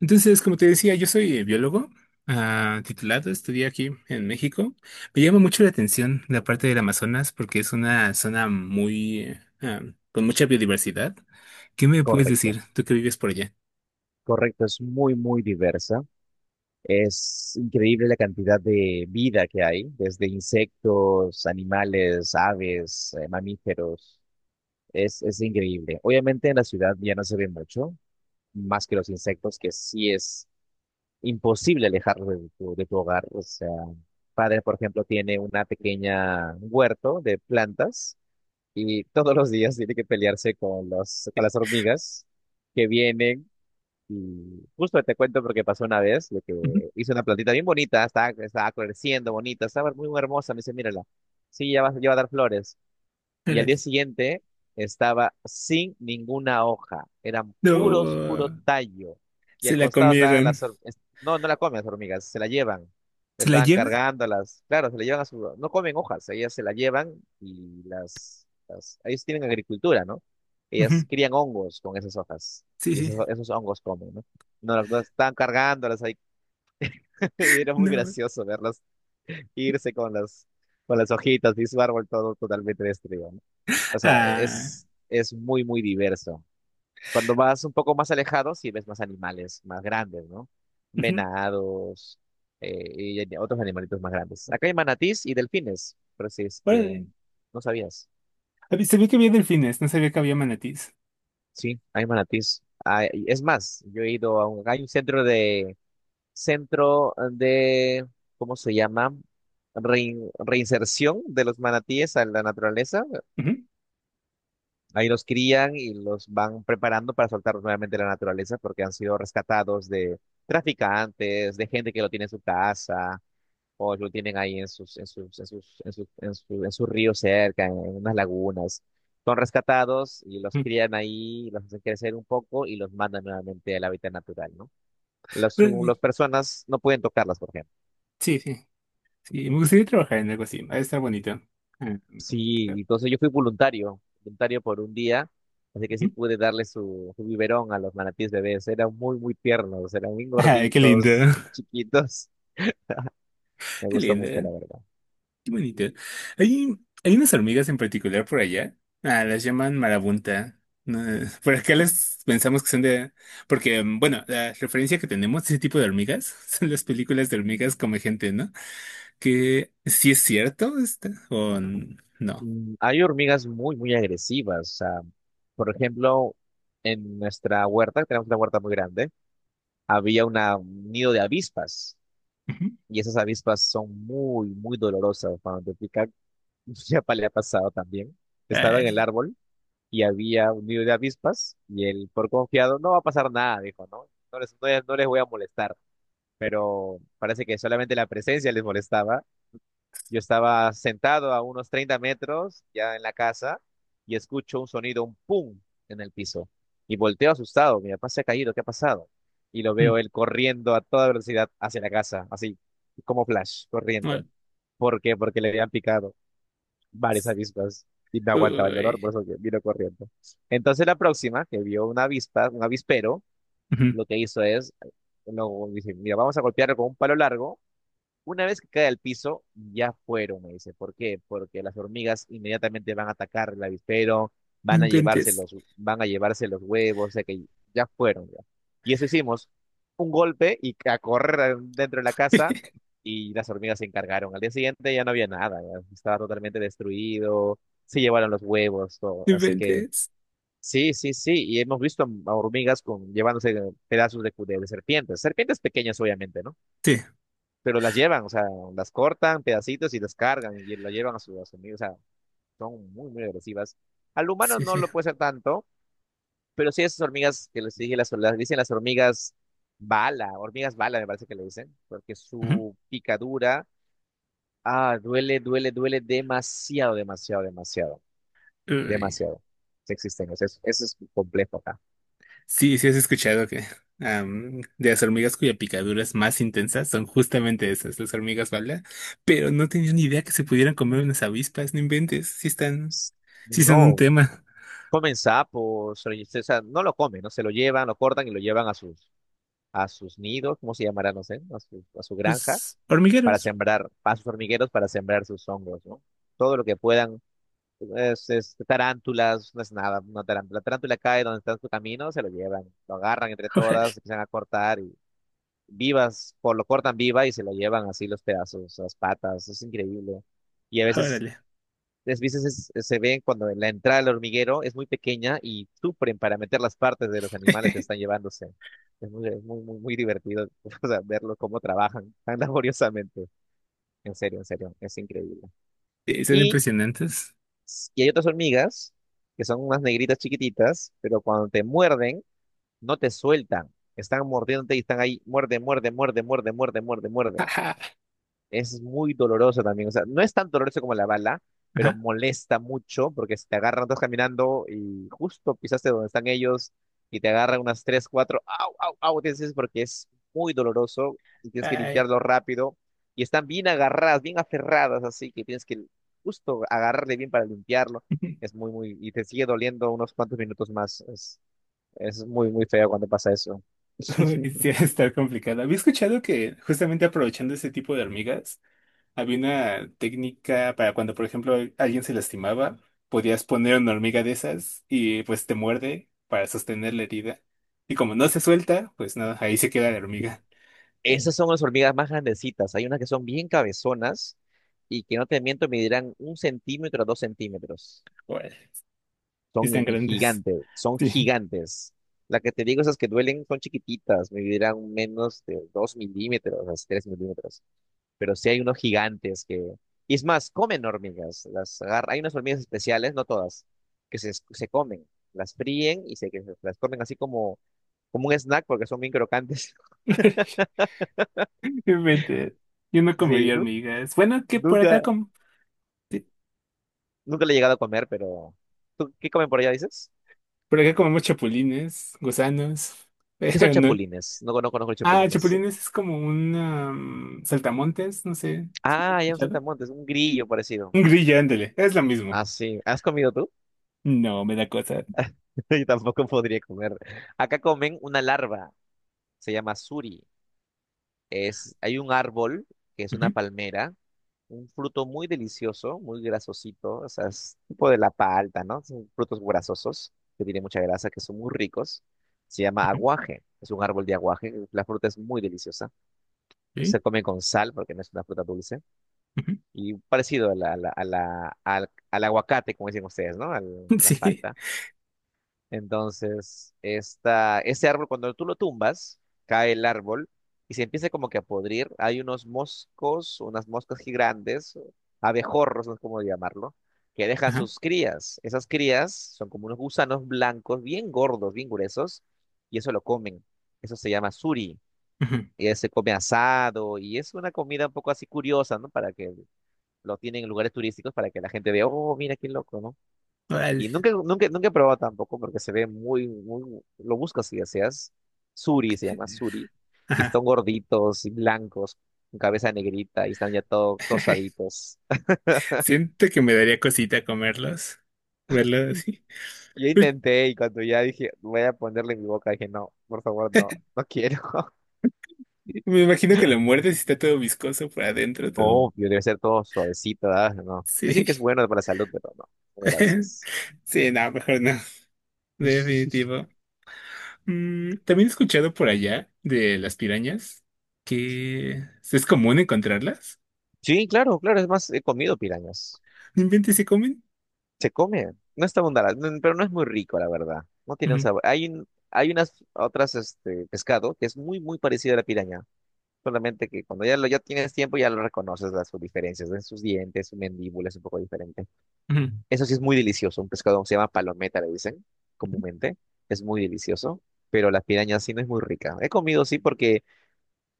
Entonces, como te decía, yo soy biólogo titulado, estudié aquí en México. Me llama mucho la atención la parte del Amazonas porque es una zona muy con mucha biodiversidad. ¿Qué me puedes Correcto, decir, tú que vives por allá? correcto, es muy, muy diversa. Es increíble la cantidad de vida que hay, desde insectos, animales, aves, mamíferos. Es increíble. Obviamente en la ciudad ya no se ve mucho, más que los insectos, que sí es imposible alejarlos de tu hogar. O sea, padre, por ejemplo, tiene una pequeña huerto de plantas y todos los días tiene que pelearse con las hormigas que vienen. Y justo te cuento porque pasó una vez de Ujú. que hice una plantita bien bonita, estaba creciendo bonita, estaba muy hermosa. Me dice, mírala, sí, ya va a dar flores. Y al Órale. día siguiente estaba sin ninguna hoja. Eran puro No, tallo. Y se al la costado estaban comieron. las No, no la comen las hormigas, se la llevan. ¿Se la Estaban llevan? cargándolas. Claro, se la llevan a su. No comen hojas, ellas se la llevan y ellos tienen agricultura, ¿no? Ujú. Ellas crían hongos con esas hojas. Sí, Y sí. esos hongos comen, ¿no? No, no, estaban cargándolas ahí. Y era muy No. gracioso verlas irse con las hojitas y su árbol todo totalmente destruido, ¿no? O sea, Ah. es muy, muy diverso. Cuando vas un poco más alejado, sí ves más animales más grandes, ¿no? Ujú. Venados, otros animalitos más grandes. Acá hay manatís y delfines, pero si es que Órale. no sabías. Sabía que había delfines, no sabía que había manatís. Sí, hay manatís. Ah, es más, yo he ido a un, hay un centro de, ¿cómo se llama? Reinserción de los manatíes a la naturaleza. Ujú. Ahí los crían y los van preparando para soltarlos nuevamente a la naturaleza porque han sido rescatados de traficantes, de gente que lo tiene en su casa o lo tienen ahí en sus, en sus, en sus, en sus, en su- en sus ríos cerca, en unas lagunas. Son rescatados y los Ujú. crían ahí, los hacen crecer un poco y los mandan nuevamente al hábitat natural, ¿no? Órale. Las personas no pueden tocarlas, por ejemplo. Sí, sí. Sí, me gustaría trabajar en algo así. Ha de estar bonito. Ah, Sí, claro. entonces yo fui voluntario por un día, así que sí Ujú. pude darle su biberón a los manatíes bebés. Eran muy, muy tiernos, eran muy Ay, qué lindo. gorditos, chiquitos. Me Qué gustó lindo. mucho, la verdad. Qué bonito. Hay, hay unas hormigas en particular por allá. Ah, las llaman marabunta. No, por acá las pensamos que son de... Porque, mm, bueno, la referencia que tenemos de ese tipo de hormigas son las películas de hormigas come gente, ¿no? Que sí es cierto esta, o no. Hay hormigas muy, muy agresivas. O sea, por ejemplo, en nuestra huerta, tenemos una huerta muy grande, había un nido de avispas. Ujú. Y esas avispas son muy, muy dolorosas cuando te pican. Ya le ha pasado también. Estaba en el Ay. árbol y había un nido de avispas y él por confiado no va a pasar nada, dijo, ¿no? No les voy a molestar, pero parece que solamente la presencia les molestaba. Yo estaba sentado a unos 30 metros ya en la casa y escucho un sonido, un pum en el piso y volteo asustado, mi papá se ha caído, ¿qué ha pasado? Y lo Mm. veo él corriendo a toda velocidad hacia la casa, así como flash, No. corriendo. ¿Por qué? Porque le habían picado varias avispas y me aguantaba el dolor, por Uy. eso que vino corriendo. Entonces la próxima, que vio una avispa, un avispero, Ujú. lo que hizo es, lo, dice, mira, vamos a golpearlo con un palo largo una vez que cae al piso, ya fueron, me dice. ¿Por qué? Porque las hormigas inmediatamente van a atacar el avispero, ¡No van a llevarse inventes! Los huevos, o sea que ya fueron, ya. Y eso hicimos, un golpe y a correr dentro de la casa y las hormigas se encargaron. Al día siguiente ya no había nada, ya estaba totalmente destruido, se llevaron los huevos, todo. ¡No Así que inventes! sí, sí, sí, y hemos visto a hormigas llevándose pedazos de serpientes, serpientes pequeñas obviamente, ¿no? Sí, Pero las llevan, o sea, las cortan pedacitos y las cargan y lo llevan a sus hormigas, o sea, son muy, muy agresivas. Al humano sí, no sí. lo puede ser tanto, pero sí esas hormigas que les dije, las dicen las hormigas bala, me parece que le dicen, porque Ujú. su picadura, ah, duele, duele, duele demasiado, demasiado, demasiado, Uy. demasiado. Sí existen, o sea, eso es complejo acá. Sí, sí, has escuchado que de las hormigas cuya picadura es más intensa son justamente esas, las hormigas bala, pero no tenía ni idea que se pudieran comer unas avispas, no inventes, sí están, sí son un No, tema. comen sapos, o sea, no lo comen, ¿no? Se lo llevan, lo cortan y lo llevan a sus nidos, ¿cómo se llamará? No sé, a su granja, Pues para hormigueros. sembrar, a sus hormigueros para sembrar sus hongos, ¿no? Todo lo que puedan, es tarántulas, no es nada, una tarántula. La tarántula cae donde está en su camino, se lo llevan, lo agarran entre Órale, todas, empiezan a cortar y vivas, por lo cortan viva y se lo llevan así los pedazos, las patas, es increíble. Y a veces órale. las se ven cuando la entrada al hormiguero es muy pequeña y sufren para meter las partes de los animales que están llevándose. Es muy, muy, muy divertido, o sea, verlo cómo trabajan tan laboriosamente. En serio, es increíble. Sí, son Y, impresionantes. Y hay otras hormigas que son unas negritas chiquititas, pero cuando te muerden, no te sueltan. Están mordiéndote y están ahí, muerde, muerde, muerde, muerde, muerde, muerde, muerde. Ajá. Es muy doloroso también. O sea, no es tan doloroso como la bala, pero Ajá. molesta mucho porque si te agarran, todos caminando y justo pisaste donde están ellos y te agarran unas tres, cuatro, au, au, au, tienes que decir porque es muy doloroso y tienes que Ay. limpiarlo rápido. Y están bien agarradas, bien aferradas, así que tienes que justo agarrarle bien para limpiarlo. Es muy, muy, y te sigue doliendo unos cuantos minutos más. Es muy, muy feo cuando pasa eso. Uy, sí, va a estar complicado. Había escuchado que justamente aprovechando ese tipo de hormigas, había una técnica para cuando, por ejemplo, alguien se lastimaba, podías poner una hormiga de esas y pues te muerde para sostener la herida. Y como no se suelta, pues nada, ahí se queda la hormiga. Esas Eh, son las hormigas más grandecitas. Hay unas que son bien cabezonas y que no te miento, medirán 1 centímetro a 2 centímetros. Órale. Y están grandes. Gigantes, son Sí. gigantes. La que te digo, esas que duelen son chiquititas, medirán menos de 2 milímetros, así, 3 milímetros. Pero sí hay unos gigantes que. Y es más, comen hormigas. Hay unas hormigas especiales, no todas, que se comen. Las fríen y las comen así como, como un snack porque son bien crocantes. Qué mente. Yo no Sí, comería ¿no? hormigas. Bueno, que por Nunca, acá sí, nunca le he llegado a comer, pero. ¿Tú qué comen por allá, dices? por acá comemos chapulines, gusanos. ¿Qué son Pero no. chapulines? No, no conozco los Ah, chapulines. chapulines es como un saltamontes, no sé. ¿Si lo he Ah, ya un escuchado? saltamontes, un grillo parecido. Un grillo, ándale. Es lo mismo. Ah, sí. ¿Has comido tú? No, me da cosa. Yo tampoco podría comer. Acá comen una larva, se llama suri. Es, hay un árbol que es una Ujú, palmera, un fruto muy delicioso, muy grasosito, o sea, es tipo de la palta, ¿no? Son frutos grasosos que tienen mucha grasa, que son muy ricos. Se llama ujú, aguaje, es un árbol de aguaje, la fruta es muy deliciosa. Se sí, come con sal porque no es una fruta dulce. ujú. Y parecido a al aguacate, como dicen ustedes, ¿no? La Sí. palta. Entonces, este árbol, cuando tú lo tumbas, cae el árbol y se empieza como que a podrir. Hay unos moscos, unas moscas gigantes, abejorros, no sé cómo llamarlo, que dejan Ajá, sus crías. Esas crías son como unos gusanos blancos, bien gordos, bien gruesos, y eso lo comen. Eso se llama suri ujú. y se come asado y es una comida un poco así curiosa, ¿no? Para que lo tienen en lugares turísticos para que la gente vea, oh, mira qué loco, ¿no? Y Vale. nunca, nunca, nunca he probado tampoco porque se ve lo buscas si deseas. Suri se llama Suri. Y Ajá. están gorditos y blancos, con cabeza negrita y están ya todo tostaditos. Siento que me daría cosita comerlos. Verlo así. Yo Uy, intenté y cuando ya dije, voy a ponerle en mi boca, dije, no, por favor, no, no quiero. me imagino que lo muerdes y está todo viscoso por adentro, todo. Obvio, debe ser todo suavecito, ¿verdad? No. Dicen que es Sí. bueno para la salud, pero no, no, gracias. Sí, no, mejor no. Definitivo. Mm, también he escuchado por allá de las pirañas que es común encontrarlas. Sí, claro, claro, es más, he comido pirañas. ¡No inventes! ¿Se comen? Se come, no está abundante, no, pero no es muy rico, la verdad. No tiene un Ujú, sabor. Hay unas otras este pescado que es muy muy parecido a la piraña, solamente que cuando ya tienes tiempo ya lo reconoces las sus diferencias, en sus dientes, su mandíbula es un poco diferente. ujú. Eso sí es muy delicioso, un pescado se llama palometa, le dicen comúnmente, es muy delicioso, pero la piraña sí no es muy rica. He comido sí porque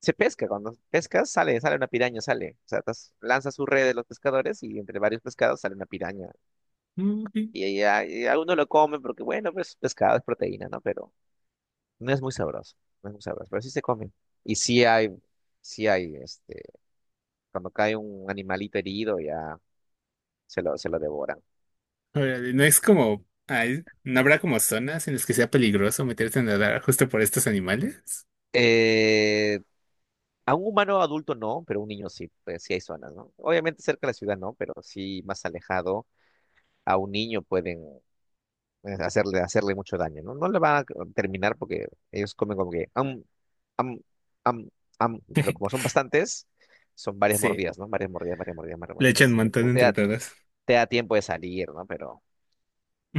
se pesca, cuando pescas sale una piraña, sale. O sea, lanzas su red de los pescadores y entre varios pescados sale una piraña. Mm, ok. Y algunos lo comen porque, bueno, pues pescado es proteína, ¿no? Pero no es muy sabroso, no es muy sabroso, pero sí se comen. Y sí hay, este, cuando cae un animalito herido ya se lo devoran. Órale. No es como, ay, no habrá como zonas en las que sea peligroso meterte a nadar justo por estos animales. Eh, a un humano adulto no, pero un niño sí, pues sí hay zonas, ¿no? Obviamente cerca de la ciudad no, pero sí más alejado. A un niño pueden hacerle mucho daño, ¿no? No le van a terminar porque ellos comen como que, am, am, pero como son bastantes, son varias Sí, mordidas, ¿no? Varias mordidas, varias mordidas, varias le mordidas. echan un Así que montón entre todas. te da tiempo de salir, ¿no? Pero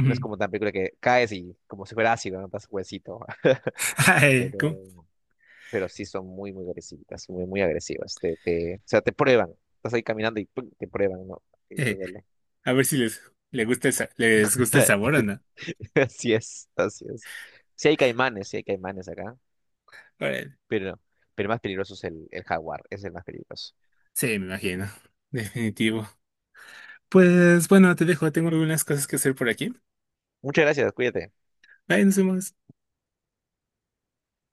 no es como tan película que caes y como si fuera ácido, ¿no? Das huesito. Ay, Pero, ¿cómo? pero sí son muy, muy agresivas, muy, muy agresivas. O sea, te prueban. Estás ahí caminando y ¡pum! Te prueban, ¿no? Y te Eh, duele. a ver si les, le gusta el, les gusta el sabor o no. Así es, así es. Sí hay caimanes acá. Órale. Pero, pero el más peligroso es el jaguar, es el más peligroso. Sí, me imagino. Definitivo. Pues bueno, te dejo. Tengo algunas cosas que hacer por aquí. Muchas gracias, cuídate. Bye, nos vemos.